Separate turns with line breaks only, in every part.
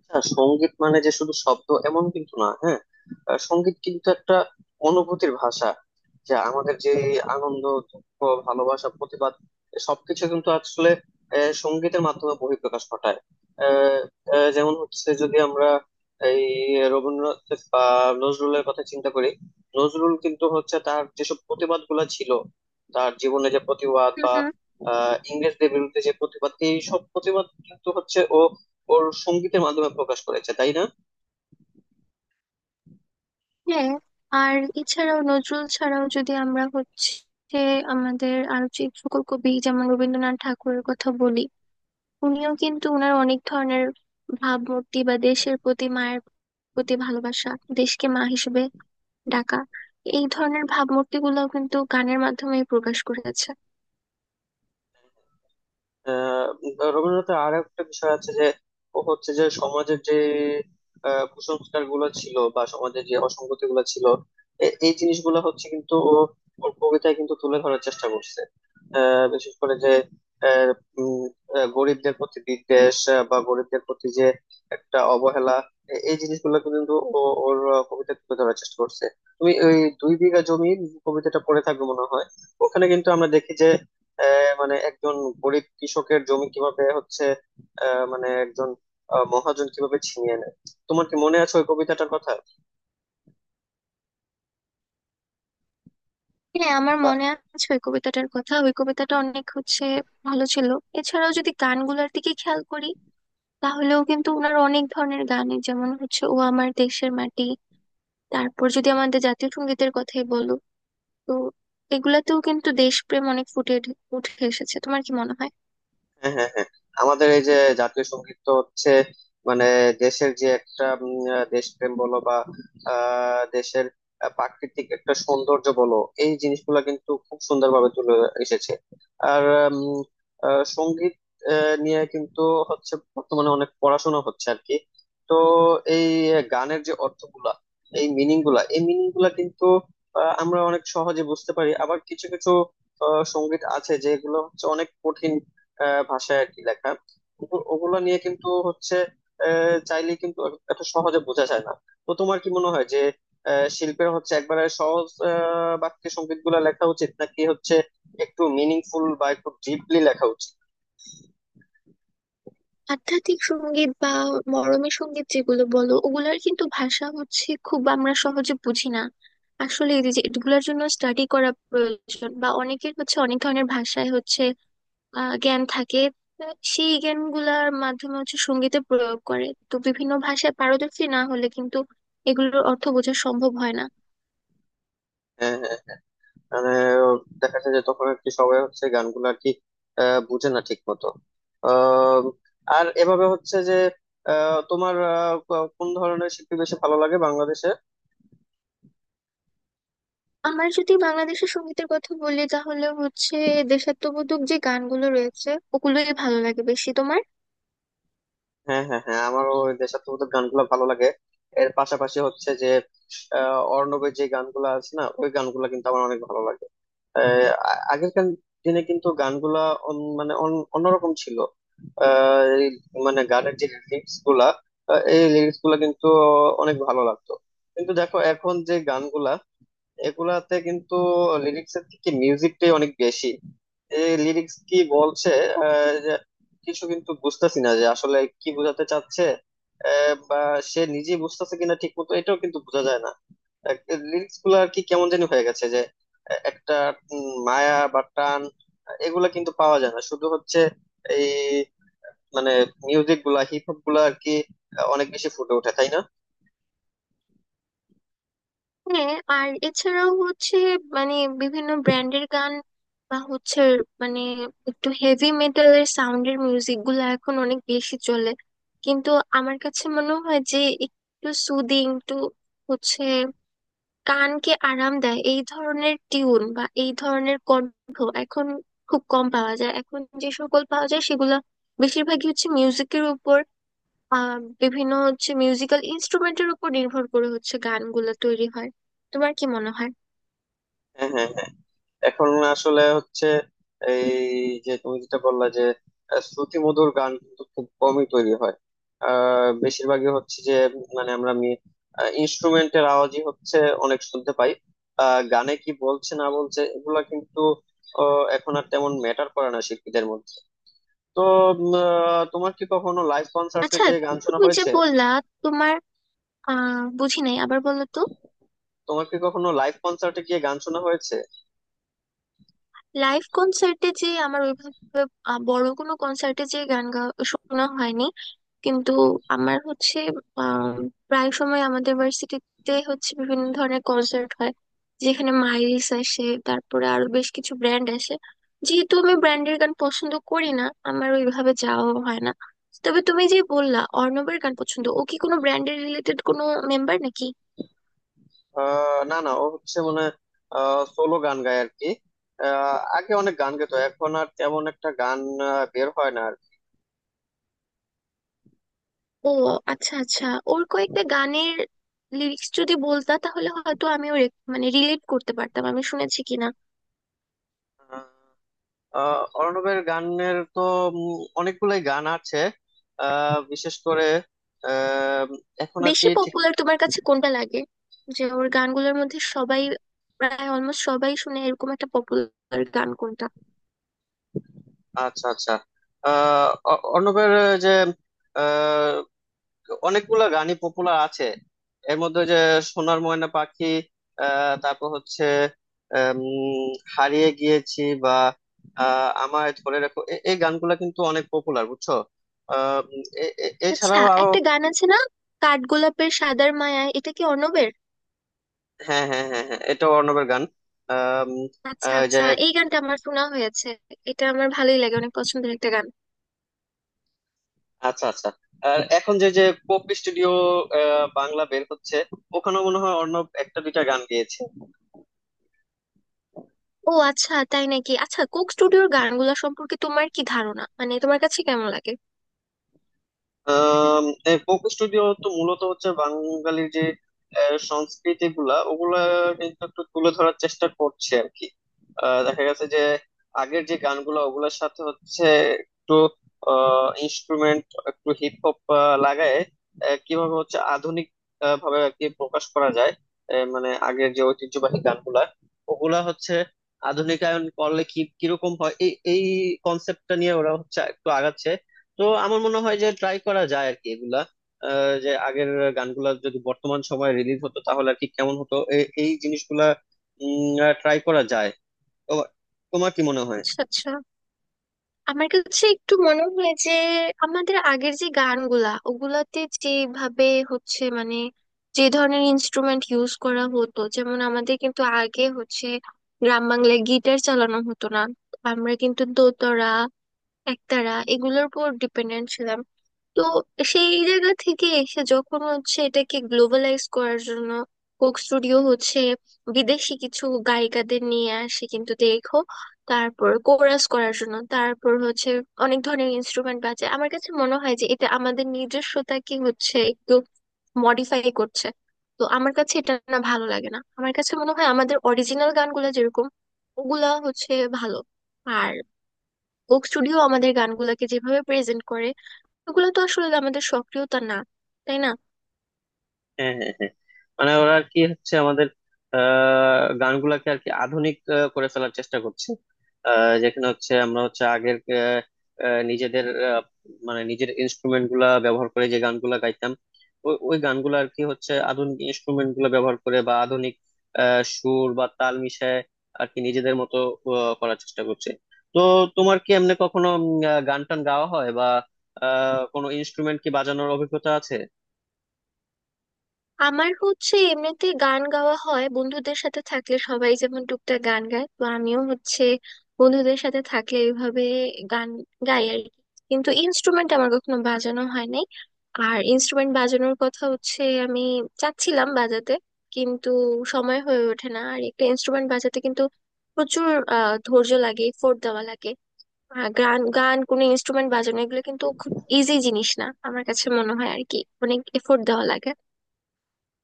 আচ্ছা সঙ্গীত মানে যে শুধু শব্দ এমন কিন্তু না, হ্যাঁ সঙ্গীত কিন্তু একটা অনুভূতির ভাষা, যা আমাদের যে আনন্দ, দুঃখ, ভালোবাসা, প্রতিবাদ সবকিছু কিন্তু আসলে সঙ্গীতের মাধ্যমে বহিঃপ্রকাশ ঘটায়। আহ, যেমন হচ্ছে যদি আমরা এই রবীন্দ্রনাথ বা নজরুলের কথা চিন্তা করি, নজরুল কিন্তু হচ্ছে তার যেসব প্রতিবাদ গুলা ছিল, তার জীবনে যে প্রতিবাদ
হুম
বা
হুম,
ইংরেজদের বিরুদ্ধে যে প্রতিবাদ, এই সব প্রতিবাদ কিন্তু হচ্ছে ও ওর সঙ্গীতের মাধ্যমে প্রকাশ করেছে, তাই না?
হ্যাঁ। আর এছাড়াও নজরুল ছাড়াও যদি আমরা আমাদের আরো যে সকল কবি যেমন রবীন্দ্রনাথ ঠাকুরের কথা বলি, উনিও কিন্তু ওনার অনেক ধরনের ভাবমূর্তি বা দেশের প্রতি মায়ের প্রতি ভালোবাসা, দেশকে মা হিসেবে ডাকা, এই ধরনের ভাবমূর্তি গুলো কিন্তু গানের মাধ্যমে প্রকাশ করেছে।
আহ রবীন্দ্রনাথের আর একটা বিষয় আছে যে, ও হচ্ছে যে সমাজের যে কুসংস্কার গুলো ছিল বা সমাজের যে অসঙ্গতি গুলো ছিল, এই জিনিসগুলো হচ্ছে কিন্তু ও ওর কবিতায় কিন্তু তুলে ধরার চেষ্টা করছে। বিশেষ করে যে আহ, উম, গরিবদের প্রতি বিদ্বেষ, বা গরিবদের প্রতি যে একটা অবহেলা, এই জিনিসগুলো কিন্তু ও ওর কবিতায় তুলে ধরার চেষ্টা করছে। তুমি ওই দুই বিঘা জমি কবিতাটা পড়ে থাকবে মনে হয়। ওখানে কিন্তু আমরা দেখি যে মানে একজন গরিব কৃষকের জমি কিভাবে হচ্ছে মানে একজন মহাজন কিভাবে ছিনিয়ে নেয়, তোমার কি মনে আছে ওই কবিতাটার কথা
হ্যাঁ আমার
বা
মনে আছে ওই কবিতাটার কথা, ওই কবিতাটা অনেক ভালো ছিল। এছাড়াও যদি গানগুলোর দিকে খেয়াল করি, তাহলেও কিন্তু ওনার অনেক ধরনের গানই যেমন ও আমার দেশের মাটি, তারপর যদি আমাদের জাতীয় সঙ্গীতের কথাই বলো, তো এগুলাতেও কিন্তু দেশপ্রেম অনেক ফুটে উঠে এসেছে। তোমার কি মনে হয়?
হ্যাঁ হ্যাঁ হ্যাঁ, আমাদের এই যে জাতীয় সঙ্গীত তো হচ্ছে মানে দেশের যে একটা দেশপ্রেম বলো বা দেশের প্রাকৃতিক একটা সৌন্দর্য বলো, এই জিনিসগুলো কিন্তু খুব সুন্দরভাবে তুলে এসেছে। আর উম, সঙ্গীত নিয়ে কিন্তু হচ্ছে বর্তমানে অনেক পড়াশোনা হচ্ছে আর কি। তো এই গানের যে অর্থগুলা, এই মিনিং গুলা, এই মিনিং গুলা কিন্তু আমরা অনেক সহজে বুঝতে পারি। আবার কিছু কিছু সঙ্গীত আছে যেগুলো হচ্ছে অনেক কঠিন ভাষায় আর কি লেখা, ওগুলো নিয়ে কিন্তু হচ্ছে চাইলে কিন্তু এত সহজে বোঝা যায় না। তো তোমার কি মনে হয় যে শিল্পের হচ্ছে একবারে সহজ বাক্যে সংগীত গুলা লেখা উচিত নাকি হচ্ছে একটু মিনিংফুল বা একটু ডিপলি লেখা উচিত?
আধ্যাত্মিক সঙ্গীত বা মরমী সঙ্গীত যেগুলো বলো, ওগুলার কিন্তু ভাষা খুব আমরা সহজে বুঝি না। আসলে এই যে এগুলোর জন্য স্টাডি করা প্রয়োজন, বা অনেকের অনেক ধরনের ভাষায় জ্ঞান থাকে, সেই জ্ঞানগুলার মাধ্যমে সঙ্গীতে প্রয়োগ করে, তো বিভিন্ন ভাষায় পারদর্শী না হলে কিন্তু এগুলোর অর্থ বোঝা সম্ভব হয় না।
হ্যাঁ হ্যাঁ, মানে দেখা যায় যে তখন আর কি সবাই হচ্ছে গানগুলো আর কি বুঝে না ঠিক মতো। আহ, আর এভাবে হচ্ছে যে তোমার কোন ধরনের শিল্পী বেশি ভালো লাগে বাংলাদেশে?
আমার যদি বাংলাদেশের সঙ্গীতের কথা বলি, তাহলে দেশাত্মবোধক যে গানগুলো রয়েছে, ওগুলোই ভালো লাগে বেশি তোমার।
হ্যাঁ হ্যাঁ হ্যাঁ, আমারও ওই দেশাত্মবোধক গানগুলো ভালো লাগে। এর পাশাপাশি হচ্ছে যে অর্ণবের যে গানগুলো আছে না, ওই গানগুলো কিন্তু আমার অনেক ভালো লাগে। আহ, আ- আগের কান- দিনে কিন্তু গানগুলা অন্যরকম ছিল। এই মানে গানের যে লিরিক্স গুলা, এই লিরিক্স গুলা কিন্তু অনেক ভালো লাগতো। কিন্তু দেখো এখন যে গানগুলা, এগুলাতে কিন্তু লিরিক্স এর থেকে মিউজিকটাই অনেক বেশি। এই লিরিক্স কি বলছে যে কিছু কিন্তু বুঝতেছি না যে আসলে কি বোঝাতে চাচ্ছে, বা সে নিজে বুঝতেছে কিনা ঠিক মতো, এটাও কিন্তু বোঝা যায় না। লিরিক্স গুলো আর কি কেমন জানি হয়ে গেছে যে একটা মায়া বা টান এগুলা কিন্তু পাওয়া যায় না, শুধু হচ্ছে এই মানে মিউজিক গুলা, হিপ হপ গুলা আর কি অনেক বেশি ফুটে ওঠে, তাই না?
হ্যাঁ আর এছাড়াও মানে বিভিন্ন ব্র্যান্ডের গান বা মানে একটু হেভি মেটালের সাউন্ডের মিউজিক গুলো এখন অনেক বেশি চলে, কিন্তু আমার কাছে মনে হয় যে একটু সুদিং, একটু হচ্ছে কানকে আরাম দেয়, এই ধরনের টিউন বা এই ধরনের কণ্ঠ এখন খুব কম পাওয়া যায়। এখন যে সকল পাওয়া যায় সেগুলো বেশিরভাগই মিউজিকের উপর, আহ বিভিন্ন মিউজিক্যাল ইনস্ট্রুমেন্টের উপর নির্ভর করে গানগুলো তৈরি হয়। তোমার কি মনে হয়?
হ্যাঁ হ্যাঁ হ্যাঁ, এখন আসলে হচ্ছে এই যে তুমি যেটা বললা যে শ্রুতিমধুর গান কিন্তু খুব কমই তৈরি হয়। বেশিরভাগই হচ্ছে যে মানে আমরা ইনস্ট্রুমেন্টের আওয়াজই হচ্ছে অনেক শুনতে পাই। গানে কি বলছে না বলছে এগুলা কিন্তু এখন আর তেমন ম্যাটার করে না শিল্পীদের মধ্যে। তো তোমার কি কখনো লাইভ কনসার্টে
আচ্ছা,
যে গান শোনা
তুমি যে
হয়েছে?
বললা, তোমার বুঝি নাই, আবার বলো তো।
তোমার কি কখনো লাইভ কনসার্টে গিয়ে গান শোনা হয়েছে?
লাইভ কনসার্টে যে আমার ওইভাবে বড় কোনো কনসার্টে যে গান গা শোনা হয়নি, কিন্তু আমার আম, প্রায় সময় আমাদের ভার্সিটিতে বিভিন্ন ধরনের কনসার্ট হয়, যেখানে মাইরিস আসে, তারপরে আরো বেশ কিছু ব্র্যান্ড আসে। যেহেতু আমি ব্র্যান্ডের গান পছন্দ করি না, আমার ওইভাবে যাওয়া হয় না। তবে তুমি যে বললা অর্ণবের গান পছন্দ, ও কি কোনো ব্র্যান্ডের রিলেটেড কোনো মেম্বার নাকি?
না না, ও হচ্ছে মানে সোলো গান গায় আর কি। আগে অনেক গান গেতো, এখন আর তেমন একটা গান বের হয় না আর কি।
ও, আচ্ছা আচ্ছা। ওর কয়েকটা গানের লিরিক্স যদি বলতা, তাহলে হয়তো আমিও মানে রিলেট করতে পারতাম আমি শুনেছি কিনা।
অর্ণবের গানের তো অনেকগুলাই গান আছে, বিশেষ করে আহ, এখন আর
বেশি
কি ঠিক
পপুলার তোমার কাছে কোনটা লাগে, যে ওর গানগুলোর মধ্যে সবাই, প্রায় অলমোস্ট সবাই শুনে, এরকম একটা পপুলার গান কোনটা?
আচ্ছা আচ্ছা, অর্ণবের যে অনেকগুলা গানই পপুলার আছে। এর মধ্যে যে সোনার ময়না পাখি, তারপর হচ্ছে আম, হারিয়ে গিয়েছি বা আমায় ধরে রাখো, এই গানগুলা কিন্তু অনেক পপুলার, বুঝছো? আহ, উম, এ- এ-
আচ্ছা,
এছাড়াও আরো
একটা গান আছে না, কাঠগোলাপের সাদার মায়া, এটা কি অর্ণবের?
হ্যাঁ হ্যাঁ হ্যাঁ হ্যাঁ, এটা অর্ণবের গান। আম,
আচ্ছা
যে
আচ্ছা, এই গানটা আমার শোনা হয়েছে। এটা আমার ভালোই লাগে, অনেক পছন্দের একটা গান।
আচ্ছা আচ্ছা, আর এখন যে যে পপ স্টুডিও বাংলা বের হচ্ছে, ওখানেও মনে হয় অর্ণব একটা দুইটা গান গেয়েছে।
ও আচ্ছা, তাই নাকি? আচ্ছা, কোক স্টুডিওর গানগুলো সম্পর্কে তোমার কি ধারণা, মানে তোমার কাছে কেমন লাগে?
কোক স্টুডিও তো মূলত হচ্ছে বাঙালির যে সংস্কৃতি গুলা, ওগুলা কিন্তু একটু তুলে ধরার চেষ্টা করছে আর কি। দেখা গেছে যে আগের যে গানগুলো ওগুলোর সাথে হচ্ছে একটু ইনস্ট্রুমেন্ট, একটু হিপ হপ লাগায় কিভাবে হচ্ছে আধুনিক ভাবে আর কি প্রকাশ করা যায়। মানে আগের যে ঐতিহ্যবাহী গানগুলা ওগুলা হচ্ছে আধুনিকায়ন করলে কি কিরকম হয়, এই এই কনসেপ্টটা নিয়ে ওরা হচ্ছে একটু আগাচ্ছে। তো আমার মনে হয় যে ট্রাই করা যায় আর কি এগুলা, যে আগের গানগুলা যদি বর্তমান সময়ে রিলিজ হতো তাহলে আর কি কেমন হতো, এই জিনিসগুলা ট্রাই করা যায়। তো তোমার কি মনে হয়?
আচ্ছা আচ্ছা, আমার কাছে একটু মনে হয় যে আমাদের আগের যে গানগুলা, ওগুলাতে যেভাবে হচ্ছে মানে যে ধরনের ইনস্ট্রুমেন্ট ইউজ করা হতো, যেমন আমাদের কিন্তু আগে গ্রাম বাংলায় গিটার চালানো হতো না, আমরা কিন্তু দোতারা, একতারা এগুলোর উপর ডিপেন্ডেন্ট ছিলাম। তো সেই জায়গা থেকে এসে যখন এটাকে গ্লোবালাইজ করার জন্য কোক স্টুডিও বিদেশি কিছু গায়িকাদের নিয়ে আসে, কিন্তু দেখো, তারপর কোরাস করার জন্য, তারপর অনেক ধরনের ইনস্ট্রুমেন্ট বাজে। আমার কাছে মনে হয় যে এটা আমাদের নিজস্বতাকে একটু মডিফাই করছে। তো আমার কাছে এটা না, ভালো লাগে না। আমার কাছে মনে হয় আমাদের অরিজিনাল গানগুলো যেরকম, ওগুলা ভালো। আর কোক স্টুডিও আমাদের গানগুলাকে যেভাবে প্রেজেন্ট করে, ওগুলো তো আসলে আমাদের সক্রিয়তা না, তাই না?
হ্যাঁ হ্যাঁ হ্যাঁ, মানে ওরা আর কি হচ্ছে আমাদের গানগুলাকে আর কি আধুনিক করে ফেলার চেষ্টা করছে। যেখানে হচ্ছে আমরা হচ্ছে আগের নিজেদের মানে নিজের ইনস্ট্রুমেন্ট গুলা ব্যবহার করে যে গানগুলা গাইতাম, ওই ওই গানগুলো আর কি হচ্ছে আধুনিক ইনস্ট্রুমেন্ট গুলা ব্যবহার করে বা আধুনিক সুর বা তাল মিশায় আর কি নিজেদের মতো করার চেষ্টা করছে। তো তোমার কি এমনি কখনো গান টান গাওয়া হয় বা কোনো ইনস্ট্রুমেন্ট কি বাজানোর অভিজ্ঞতা আছে?
আমার এমনিতে গান গাওয়া হয় বন্ধুদের সাথে থাকলে, সবাই যেমন টুকটাক গান গায়, তো আমিও বন্ধুদের সাথে থাকলে এইভাবে গান গাই আর কি। কিন্তু ইনস্ট্রুমেন্ট আমার কখনো বাজানো হয় নাই। আর ইনস্ট্রুমেন্ট বাজানোর কথা আমি চাচ্ছিলাম বাজাতে, কিন্তু সময় হয়ে ওঠে না। আর একটা ইনস্ট্রুমেন্ট বাজাতে কিন্তু প্রচুর ধৈর্য লাগে, এফোর্ট দেওয়া লাগে। গান গান কোনো ইনস্ট্রুমেন্ট বাজানো এগুলো কিন্তু খুব ইজি জিনিস না, আমার কাছে মনে হয় আর কি, অনেক এফোর্ট দেওয়া লাগে।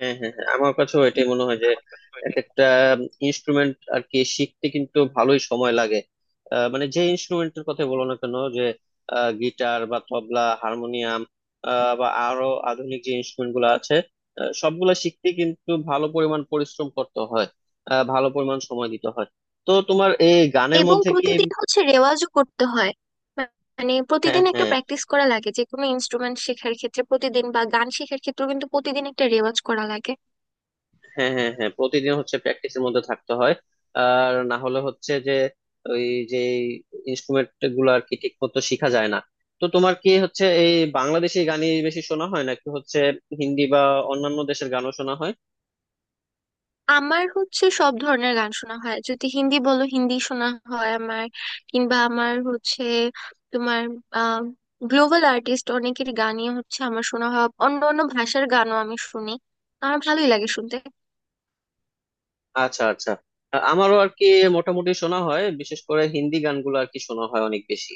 হ্যাঁ হ্যাঁ হ্যাঁ, আমার কাছেও এটাই মনে হয় যে এক একটা ইনস্ট্রুমেন্ট আর কি শিখতে কিন্তু ভালোই সময় লাগে। মানে যে ইনস্ট্রুমেন্টের কথা বলো না কেন, যে গিটার বা তবলা, হারমোনিয়াম বা আরো আধুনিক যে ইনস্ট্রুমেন্ট গুলো আছে, সবগুলা শিখতে কিন্তু ভালো পরিমাণ পরিশ্রম করতে হয়, ভালো পরিমাণ সময় দিতে হয়। তো তোমার এই গানের
এবং
মধ্যে কি
প্রতিদিন রেওয়াজও করতে হয়। মা- মানে
হ্যাঁ
প্রতিদিন একটা
হ্যাঁ,
প্র্যাকটিস করা লাগে, যে কোনো ইনস্ট্রুমেন্ট শেখার ক্ষেত্রে প্রতিদিন, বা গান শেখার ক্ষেত্রেও কিন্তু প্রতিদিন একটা রেওয়াজ করা লাগে।
হ্যাঁ হ্যাঁ হ্যাঁ, প্রতিদিন হচ্ছে প্র্যাকটিসের মধ্যে থাকতে হয়, আর না হলে হচ্ছে যে ওই যে ইনস্ট্রুমেন্ট গুলো আর কি ঠিক মতো শিখা যায় না। তো তোমার কি হচ্ছে এই বাংলাদেশি গানই বেশি শোনা হয় নাকি হচ্ছে হিন্দি বা অন্যান্য দেশের গানও শোনা হয়?
আমার সব ধরনের গান শোনা হয়, যদি হিন্দি বলো হিন্দি শোনা হয় আমার, কিংবা আমার হচ্ছে তোমার আহ গ্লোবাল আর্টিস্ট অনেকের গানই আমার শোনা হয়, অন্য অন্য ভাষার গানও আমি শুনি, আমার ভালোই লাগে শুনতে।
আচ্ছা আচ্ছা, আমারও আর কি মোটামুটি শোনা হয়, বিশেষ করে হিন্দি গানগুলো আর কি শোনা হয় অনেক বেশি।